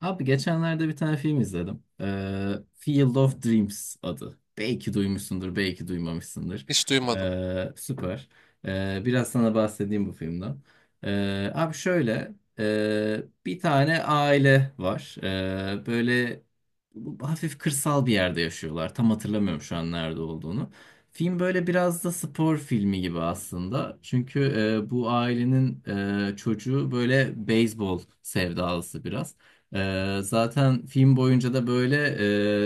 Abi geçenlerde bir tane film izledim. Field of Dreams adı. Belki duymuşsundur, belki duymamışsındır. Hiç duymadım. Süper. Biraz sana bahsedeyim bu filmden. Abi şöyle, bir tane aile var. Böyle hafif kırsal bir yerde yaşıyorlar. Tam hatırlamıyorum şu an nerede olduğunu. Film böyle biraz da spor filmi gibi aslında. Çünkü bu ailenin çocuğu böyle beyzbol sevdalısı biraz. Zaten film boyunca da böyle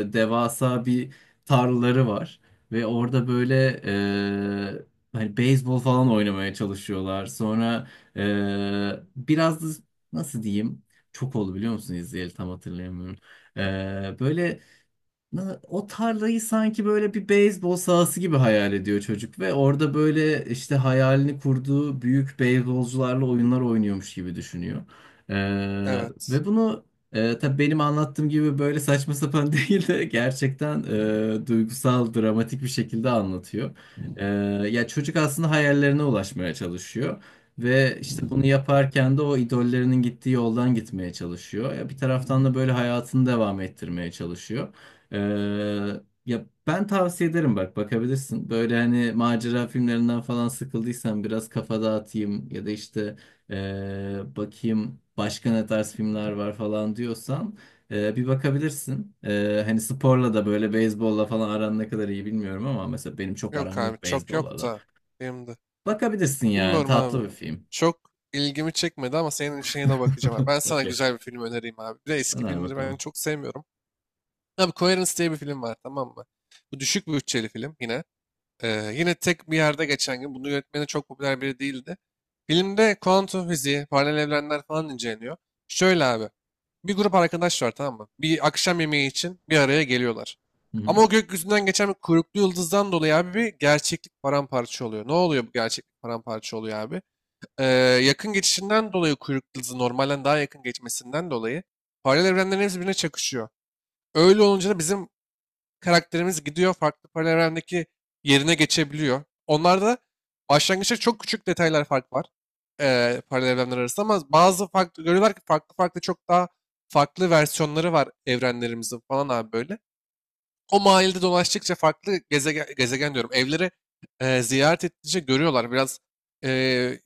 e, devasa bir tarlaları var ve orada böyle hani beyzbol falan oynamaya çalışıyorlar. Sonra e, biraz da nasıl diyeyim? Çok oldu biliyor musun izleyeli tam hatırlayamıyorum. Ee, böyle O tarlayı sanki böyle bir beyzbol sahası gibi hayal ediyor çocuk ve orada böyle işte hayalini kurduğu büyük beyzbolcularla oyunlar oynuyormuş gibi düşünüyor. Ee, Evet. Ve bunu tabii benim anlattığım gibi böyle saçma sapan değil de gerçekten duygusal, dramatik bir şekilde anlatıyor. Ee, Ya çocuk aslında hayallerine ulaşmaya çalışıyor. Ve işte bunu yaparken de o idollerinin gittiği yoldan gitmeye çalışıyor. Ya bir taraftan da böyle hayatını devam ettirmeye çalışıyor. Ee, Ya ben tavsiye ederim bak bakabilirsin. Böyle hani macera filmlerinden falan sıkıldıysan biraz kafa dağıtayım ya da işte bakayım başka ne tarz filmler var falan diyorsan bir bakabilirsin. Hani sporla da böyle beyzbolla falan aran ne kadar iyi bilmiyorum ama mesela benim çok Yok aram abi yok çok yok beyzbolla da. da benim de. Bakabilirsin yani Bilmiyorum tatlı abi. bir film. Çok ilgimi çekmedi ama senin işine de bakacağım abi. Ben sana Okey. güzel bir film önereyim abi. Bir de eski Öner filmleri ben bakalım. çok sevmiyorum. Abi Coherence diye bir film var tamam mı? Bu düşük bütçeli film yine. Yine tek bir yerde geçen gün, bunu yönetmeni çok popüler biri değildi. Filmde kuantum fiziği, paralel evrenler falan inceleniyor. Şöyle abi, bir grup arkadaş var tamam mı? Bir akşam yemeği için bir araya geliyorlar. Hı Ama hı. o gökyüzünden geçen bir kuyruklu yıldızdan dolayı abi bir gerçeklik paramparça oluyor. Ne oluyor bu gerçeklik paramparça oluyor abi? Ee, Yakın geçişinden dolayı kuyruklu yıldızın normalden daha yakın geçmesinden dolayı paralel evrenlerin hepsi birbirine çakışıyor. Öyle olunca da bizim karakterimiz gidiyor farklı paralel evrendeki yerine geçebiliyor. Onlarda başlangıçta çok küçük detaylar fark var paralel evrenler arasında ama bazı farklı görüyorlar ki farklı farklı çok daha farklı versiyonları var evrenlerimizin falan abi böyle. O mahallede dolaştıkça farklı gezegen, gezegen diyorum evleri ziyaret ettikçe görüyorlar. Biraz eee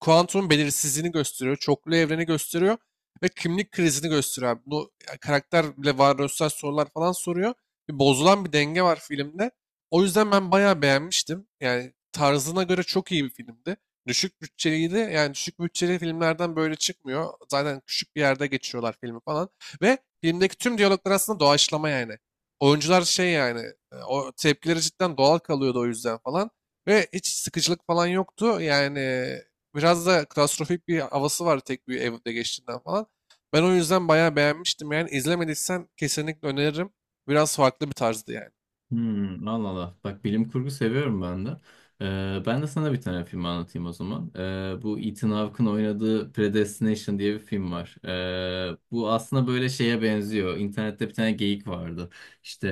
kuantum belirsizliğini gösteriyor, çoklu evreni gösteriyor ve kimlik krizini gösteriyor abi. Bunu ya, karakter bile varoluşsal sorular falan soruyor. Bir bozulan bir denge var filmde. O yüzden ben bayağı beğenmiştim. Yani tarzına göre çok iyi bir filmdi. Düşük bütçeliydi. Yani düşük bütçeli filmlerden böyle çıkmıyor. Zaten küçük bir yerde geçiyorlar filmi falan. Ve filmdeki tüm diyaloglar aslında doğaçlama yani. Oyuncular şey yani o tepkileri cidden doğal kalıyordu o yüzden falan. Ve hiç sıkıcılık falan yoktu. Yani biraz da klostrofobik bir havası var tek bir evde geçtiğinden falan. Ben o yüzden bayağı beğenmiştim yani. İzlemediysen kesinlikle öneririm. Biraz farklı bir tarzdı yani. Hmm, Allah Allah. Bak bilim kurgu seviyorum ben de. Ben de sana bir tane film anlatayım o zaman. Bu Ethan Hawke'ın oynadığı Predestination diye bir film var. Bu aslında böyle şeye benziyor. İnternette bir tane geyik vardı. İşte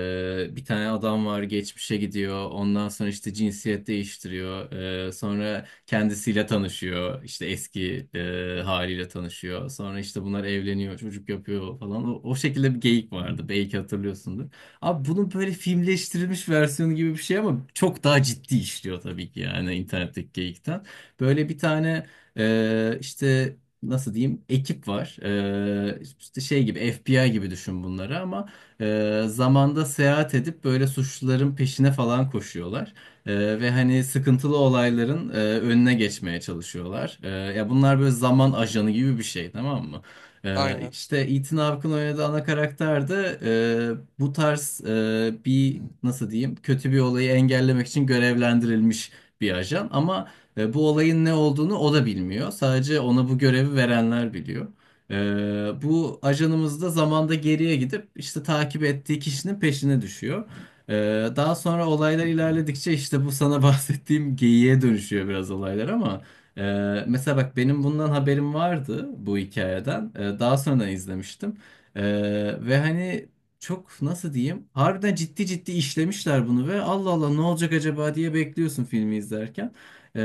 bir tane adam var geçmişe gidiyor. Ondan sonra işte cinsiyet değiştiriyor. Sonra kendisiyle tanışıyor. İşte eski haliyle tanışıyor. Sonra işte bunlar evleniyor, çocuk yapıyor falan. O şekilde bir geyik vardı. Belki hatırlıyorsundur. Abi bunun böyle filmleştirilmiş versiyonu gibi bir şey ama çok daha ciddi işliyor tabii ki yani internetteki geyikten. Böyle bir tane e, işte nasıl diyeyim ekip var. İşte şey gibi FBI gibi düşün bunları ama zamanda seyahat edip böyle suçluların peşine falan koşuyorlar. Ve hani sıkıntılı olayların önüne geçmeye çalışıyorlar. Ya bunlar böyle zaman ajanı gibi bir şey tamam mı? Aynen. İşte Ethan Hawke'ın oynadığı ana karakter de bu tarz bir nasıl diyeyim kötü bir olayı engellemek için görevlendirilmiş bir ajan ama bu olayın ne olduğunu o da bilmiyor. Sadece ona bu görevi verenler biliyor. Bu ajanımız da zamanda geriye gidip işte takip ettiği kişinin peşine düşüyor. Ee, Daha sonra olaylar ilerledikçe işte bu sana bahsettiğim geyiğe dönüşüyor biraz olaylar ama. Mesela bak benim bundan haberim vardı bu hikayeden. Daha sonra izlemiştim. Ee, Ve hani çok nasıl diyeyim? Harbiden ciddi ciddi işlemişler bunu ve Allah Allah ne olacak acaba diye bekliyorsun filmi izlerken. Ee,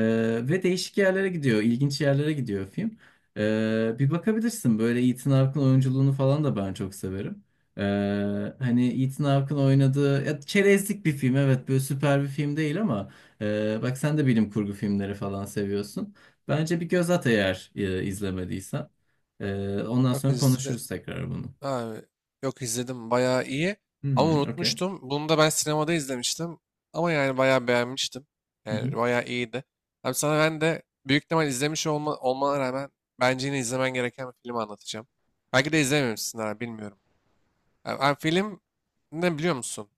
Ve değişik yerlere gidiyor, ilginç yerlere gidiyor film. Bir bakabilirsin böyle Ethan Hawke'ın oyunculuğunu falan da ben çok severim. Ee, Hani Ethan Hawke'ın oynadığı ya, çerezlik bir film evet böyle süper bir film değil ama bak sen de bilim kurgu filmleri falan seviyorsun. Bence bir göz at eğer izlemediysen. Ondan Yok sonra izle. konuşuruz tekrar bunu. Abi, yok izledim bayağı iyi ama Hmm, okey. unutmuştum. Bunu da ben sinemada izlemiştim ama yani bayağı beğenmiştim. Hı hı. Yani bayağı iyiydi. Abi sana ben de büyük ihtimal izlemiş olmana rağmen bence yine izlemen gereken bir film anlatacağım. Belki de izlememişsin abi bilmiyorum. Abi, abi film ne biliyor musun?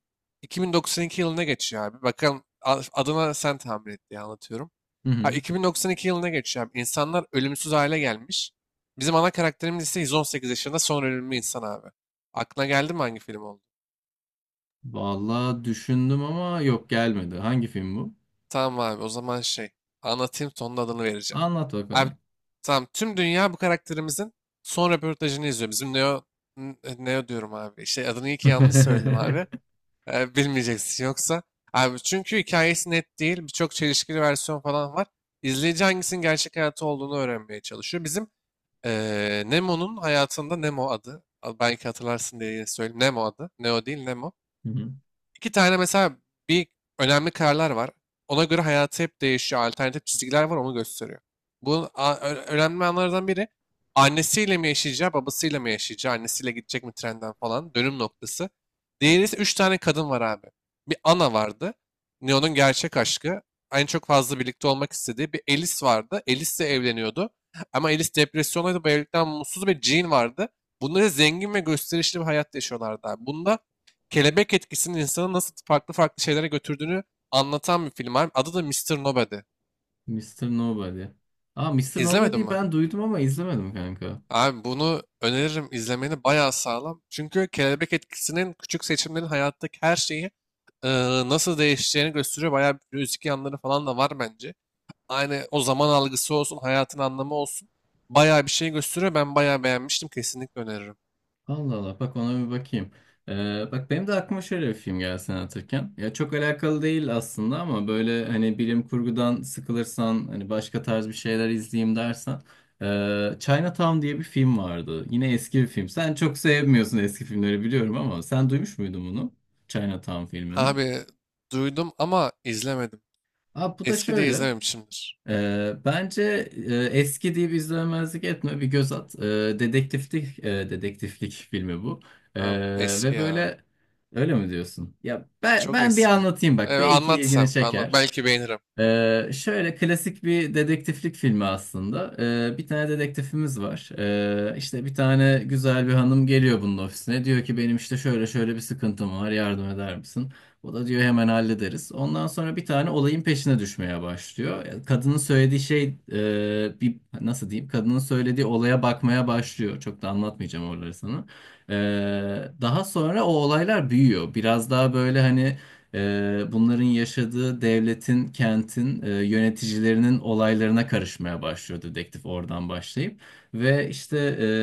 2092 yılına geçiyor abi. Bakalım adına sen tahmin et diye anlatıyorum. Hı Ha, hı. 2092 yılına geçiyor abi. İnsanlar ölümsüz hale gelmiş. Bizim ana karakterimiz ise 118 yaşında son ölümlü insan abi. Aklına geldi mi hangi film oldu? Vallahi düşündüm ama yok gelmedi. Hangi film bu? Tamam abi o zaman şey anlatayım sonun adını vereceğim. Anlat Abi bakalım. tamam tüm dünya bu karakterimizin son röportajını izliyor. Bizim Neo, Neo diyorum abi. Şey adını iyi ki yanlış söyledim Hı abi. Bilmeyeceksin yoksa. Abi çünkü hikayesi net değil. Birçok çelişkili versiyon falan var. İzleyici hangisinin gerçek hayatı olduğunu öğrenmeye çalışıyor. Bizim Nemo'nun hayatında Nemo adı. Belki hatırlarsın diye yine söyleyeyim. Nemo adı. Neo değil Nemo. hı. İki tane mesela bir önemli kararlar var. Ona göre hayatı hep değişiyor. Alternatif çizgiler var onu gösteriyor. Bu önemli anlardan biri annesiyle mi yaşayacağı, babasıyla mı yaşayacağı, annesiyle gidecek mi trenden falan dönüm noktası. Diğeri ise üç tane kadın var abi. Bir Ana vardı. Neo'nun gerçek aşkı. En çok fazla birlikte olmak istediği bir Alice vardı. Alice de evleniyordu. Ama Alice depresyondaydı. Bu evlilikten mutsuz bir Jean vardı. Bunlar zengin ve gösterişli bir hayat yaşıyorlardı abi. Bunda kelebek etkisinin insanı nasıl farklı farklı şeylere götürdüğünü anlatan bir film abi. Adı da Mister Nobody. Mr. Nobody. Aa, Mr. İzlemedin Nobody'yi mi? ben duydum ama izlemedim kanka. Abi bunu öneririm izlemeni bayağı sağlam. Çünkü kelebek etkisinin küçük seçimlerin hayattaki her şeyi e, nasıl değişeceğini gösteriyor. Bayağı bir müzik yanları falan da var bence. Aynı o zaman algısı olsun, hayatın anlamı olsun. Bayağı bir şey gösteriyor. Ben bayağı beğenmiştim. Kesinlikle öneririm. Allah Allah bak ona bir bakayım. Bak benim de aklıma şöyle bir film geldi sen anlatırken. Ya çok alakalı değil aslında ama böyle hani bilim kurgudan sıkılırsan hani başka tarz bir şeyler izleyeyim dersen. Chinatown diye bir film vardı. Yine eski bir film. Sen çok sevmiyorsun eski filmleri biliyorum ama sen duymuş muydun bunu? Chinatown filmini. Abi duydum ama izlemedim. Abi bu da Eski diye şöyle. izlememişimdir. Bence eski diye bir izlemezlik etme bir göz at. Dedektiflik e, dedektiflik filmi bu. Abi eski Ve ya. böyle öyle mi diyorsun? Ya Çok ben bir eski. anlatayım bak belki Anlat ilgini sen. Anlat. çeker. Belki beğenirim. Şöyle klasik bir dedektiflik filmi aslında. Bir tane dedektifimiz var. İşte bir tane güzel bir hanım geliyor bunun ofisine. Diyor ki benim işte şöyle şöyle bir sıkıntım var yardım eder misin? O da diyor hemen hallederiz. Ondan sonra bir tane olayın peşine düşmeye başlıyor. Yani Kadının söylediği şey bir nasıl diyeyim? Kadının söylediği olaya bakmaya başlıyor. Çok da anlatmayacağım oraları sana. Ee, Daha sonra o olaylar büyüyor. Biraz daha böyle hani bunların yaşadığı devletin, kentin, yöneticilerinin olaylarına karışmaya başlıyor dedektif oradan başlayıp. Ve işte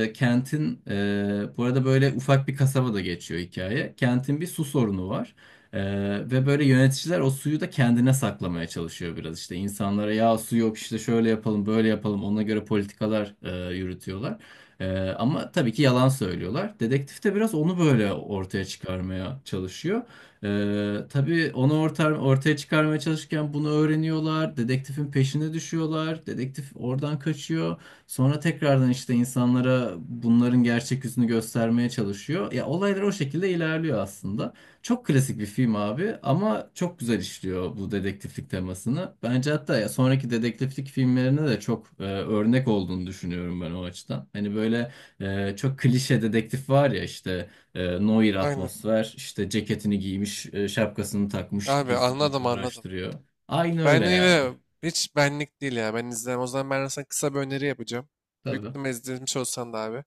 bu arada böyle ufak bir kasaba da geçiyor hikaye. Kentin bir su sorunu var. Ee, Ve böyle yöneticiler o suyu da kendine saklamaya çalışıyor biraz işte insanlara ya su yok işte şöyle yapalım böyle yapalım ona göre politikalar yürütüyorlar. Ee, Ama tabii ki yalan söylüyorlar. Dedektif de biraz onu böyle ortaya çıkarmaya çalışıyor. Tabii onu ortaya çıkarmaya çalışırken bunu öğreniyorlar. Dedektifin peşine düşüyorlar. Dedektif oradan kaçıyor. Sonra tekrardan işte insanlara bunların gerçek yüzünü göstermeye çalışıyor. Ya olaylar o şekilde ilerliyor aslında. Çok klasik bir film abi ama çok güzel işliyor bu dedektiflik temasını. Bence hatta ya sonraki dedektiflik filmlerine de çok örnek olduğunu düşünüyorum ben o açıdan. Hani böyle çok klişe dedektif var ya işte Noir Aynen. atmosfer. İşte ceketini giymiş, şapkasını takmış, Abi gizli gizli anladım anladım. araştırıyor. Aynı Ben öyle yani. yine hiç benlik değil ya. Ben izlemem. O zaman ben sana kısa bir öneri yapacağım. Büyük Tabii. ihtimalle izlemiş olsan da abi.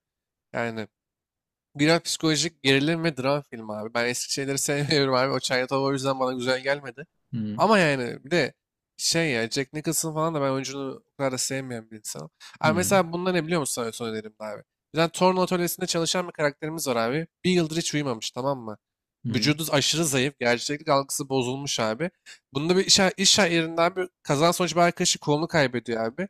Yani biraz psikolojik gerilim ve dram filmi abi. Ben eski şeyleri sevmiyorum abi. O Çayatova o yüzden bana güzel gelmedi. Hı Ama yani bir de şey ya Jack Nicholson falan da ben oyuncunu o kadar da sevmeyen bir insanım. Abi hı mesela bunlar ne biliyor musun? Sana son önerim de abi. Bizden torna atölyesinde çalışan bir karakterimiz var abi. Bir yıldır hiç uyumamış tamam mı? hı Vücudu aşırı zayıf. Gerçeklik algısı bozulmuş abi. Bunda bir iş yerinden bir kazan sonucu bir arkadaşı kolunu kaybediyor abi.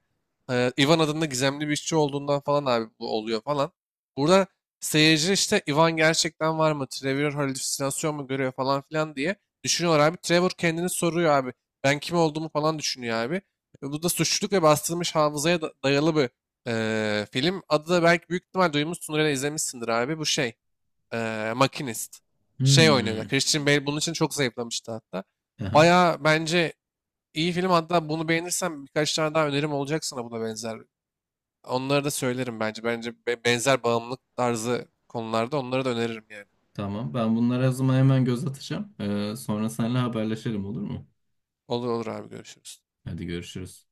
Ivan adında gizemli bir işçi olduğundan falan abi bu oluyor falan. Burada seyirci işte Ivan gerçekten var mı? Trevor halüsinasyon mu görüyor falan filan diye düşünüyorlar abi. Trevor kendini soruyor abi. Ben kim olduğumu falan düşünüyor abi. Bu da suçluluk ve bastırılmış hafızaya dayalı bir film. Adı da belki büyük ihtimal duymuşsundur ya da izlemişsindir abi. Bu şey, Makinist. Şey oynuyorlar. hı. Christian Bale bunun için çok zayıflamıştı hatta. Aha, Baya bence iyi film hatta bunu beğenirsen birkaç tane daha önerim olacak sana buna benzer onları da söylerim bence. Bence benzer bağımlılık tarzı konularda onları da öneririm yani. tamam. Ben bunlara o zaman hemen göz atacağım. Sonra seninle haberleşelim olur mu? Olur olur abi görüşürüz. Hadi görüşürüz.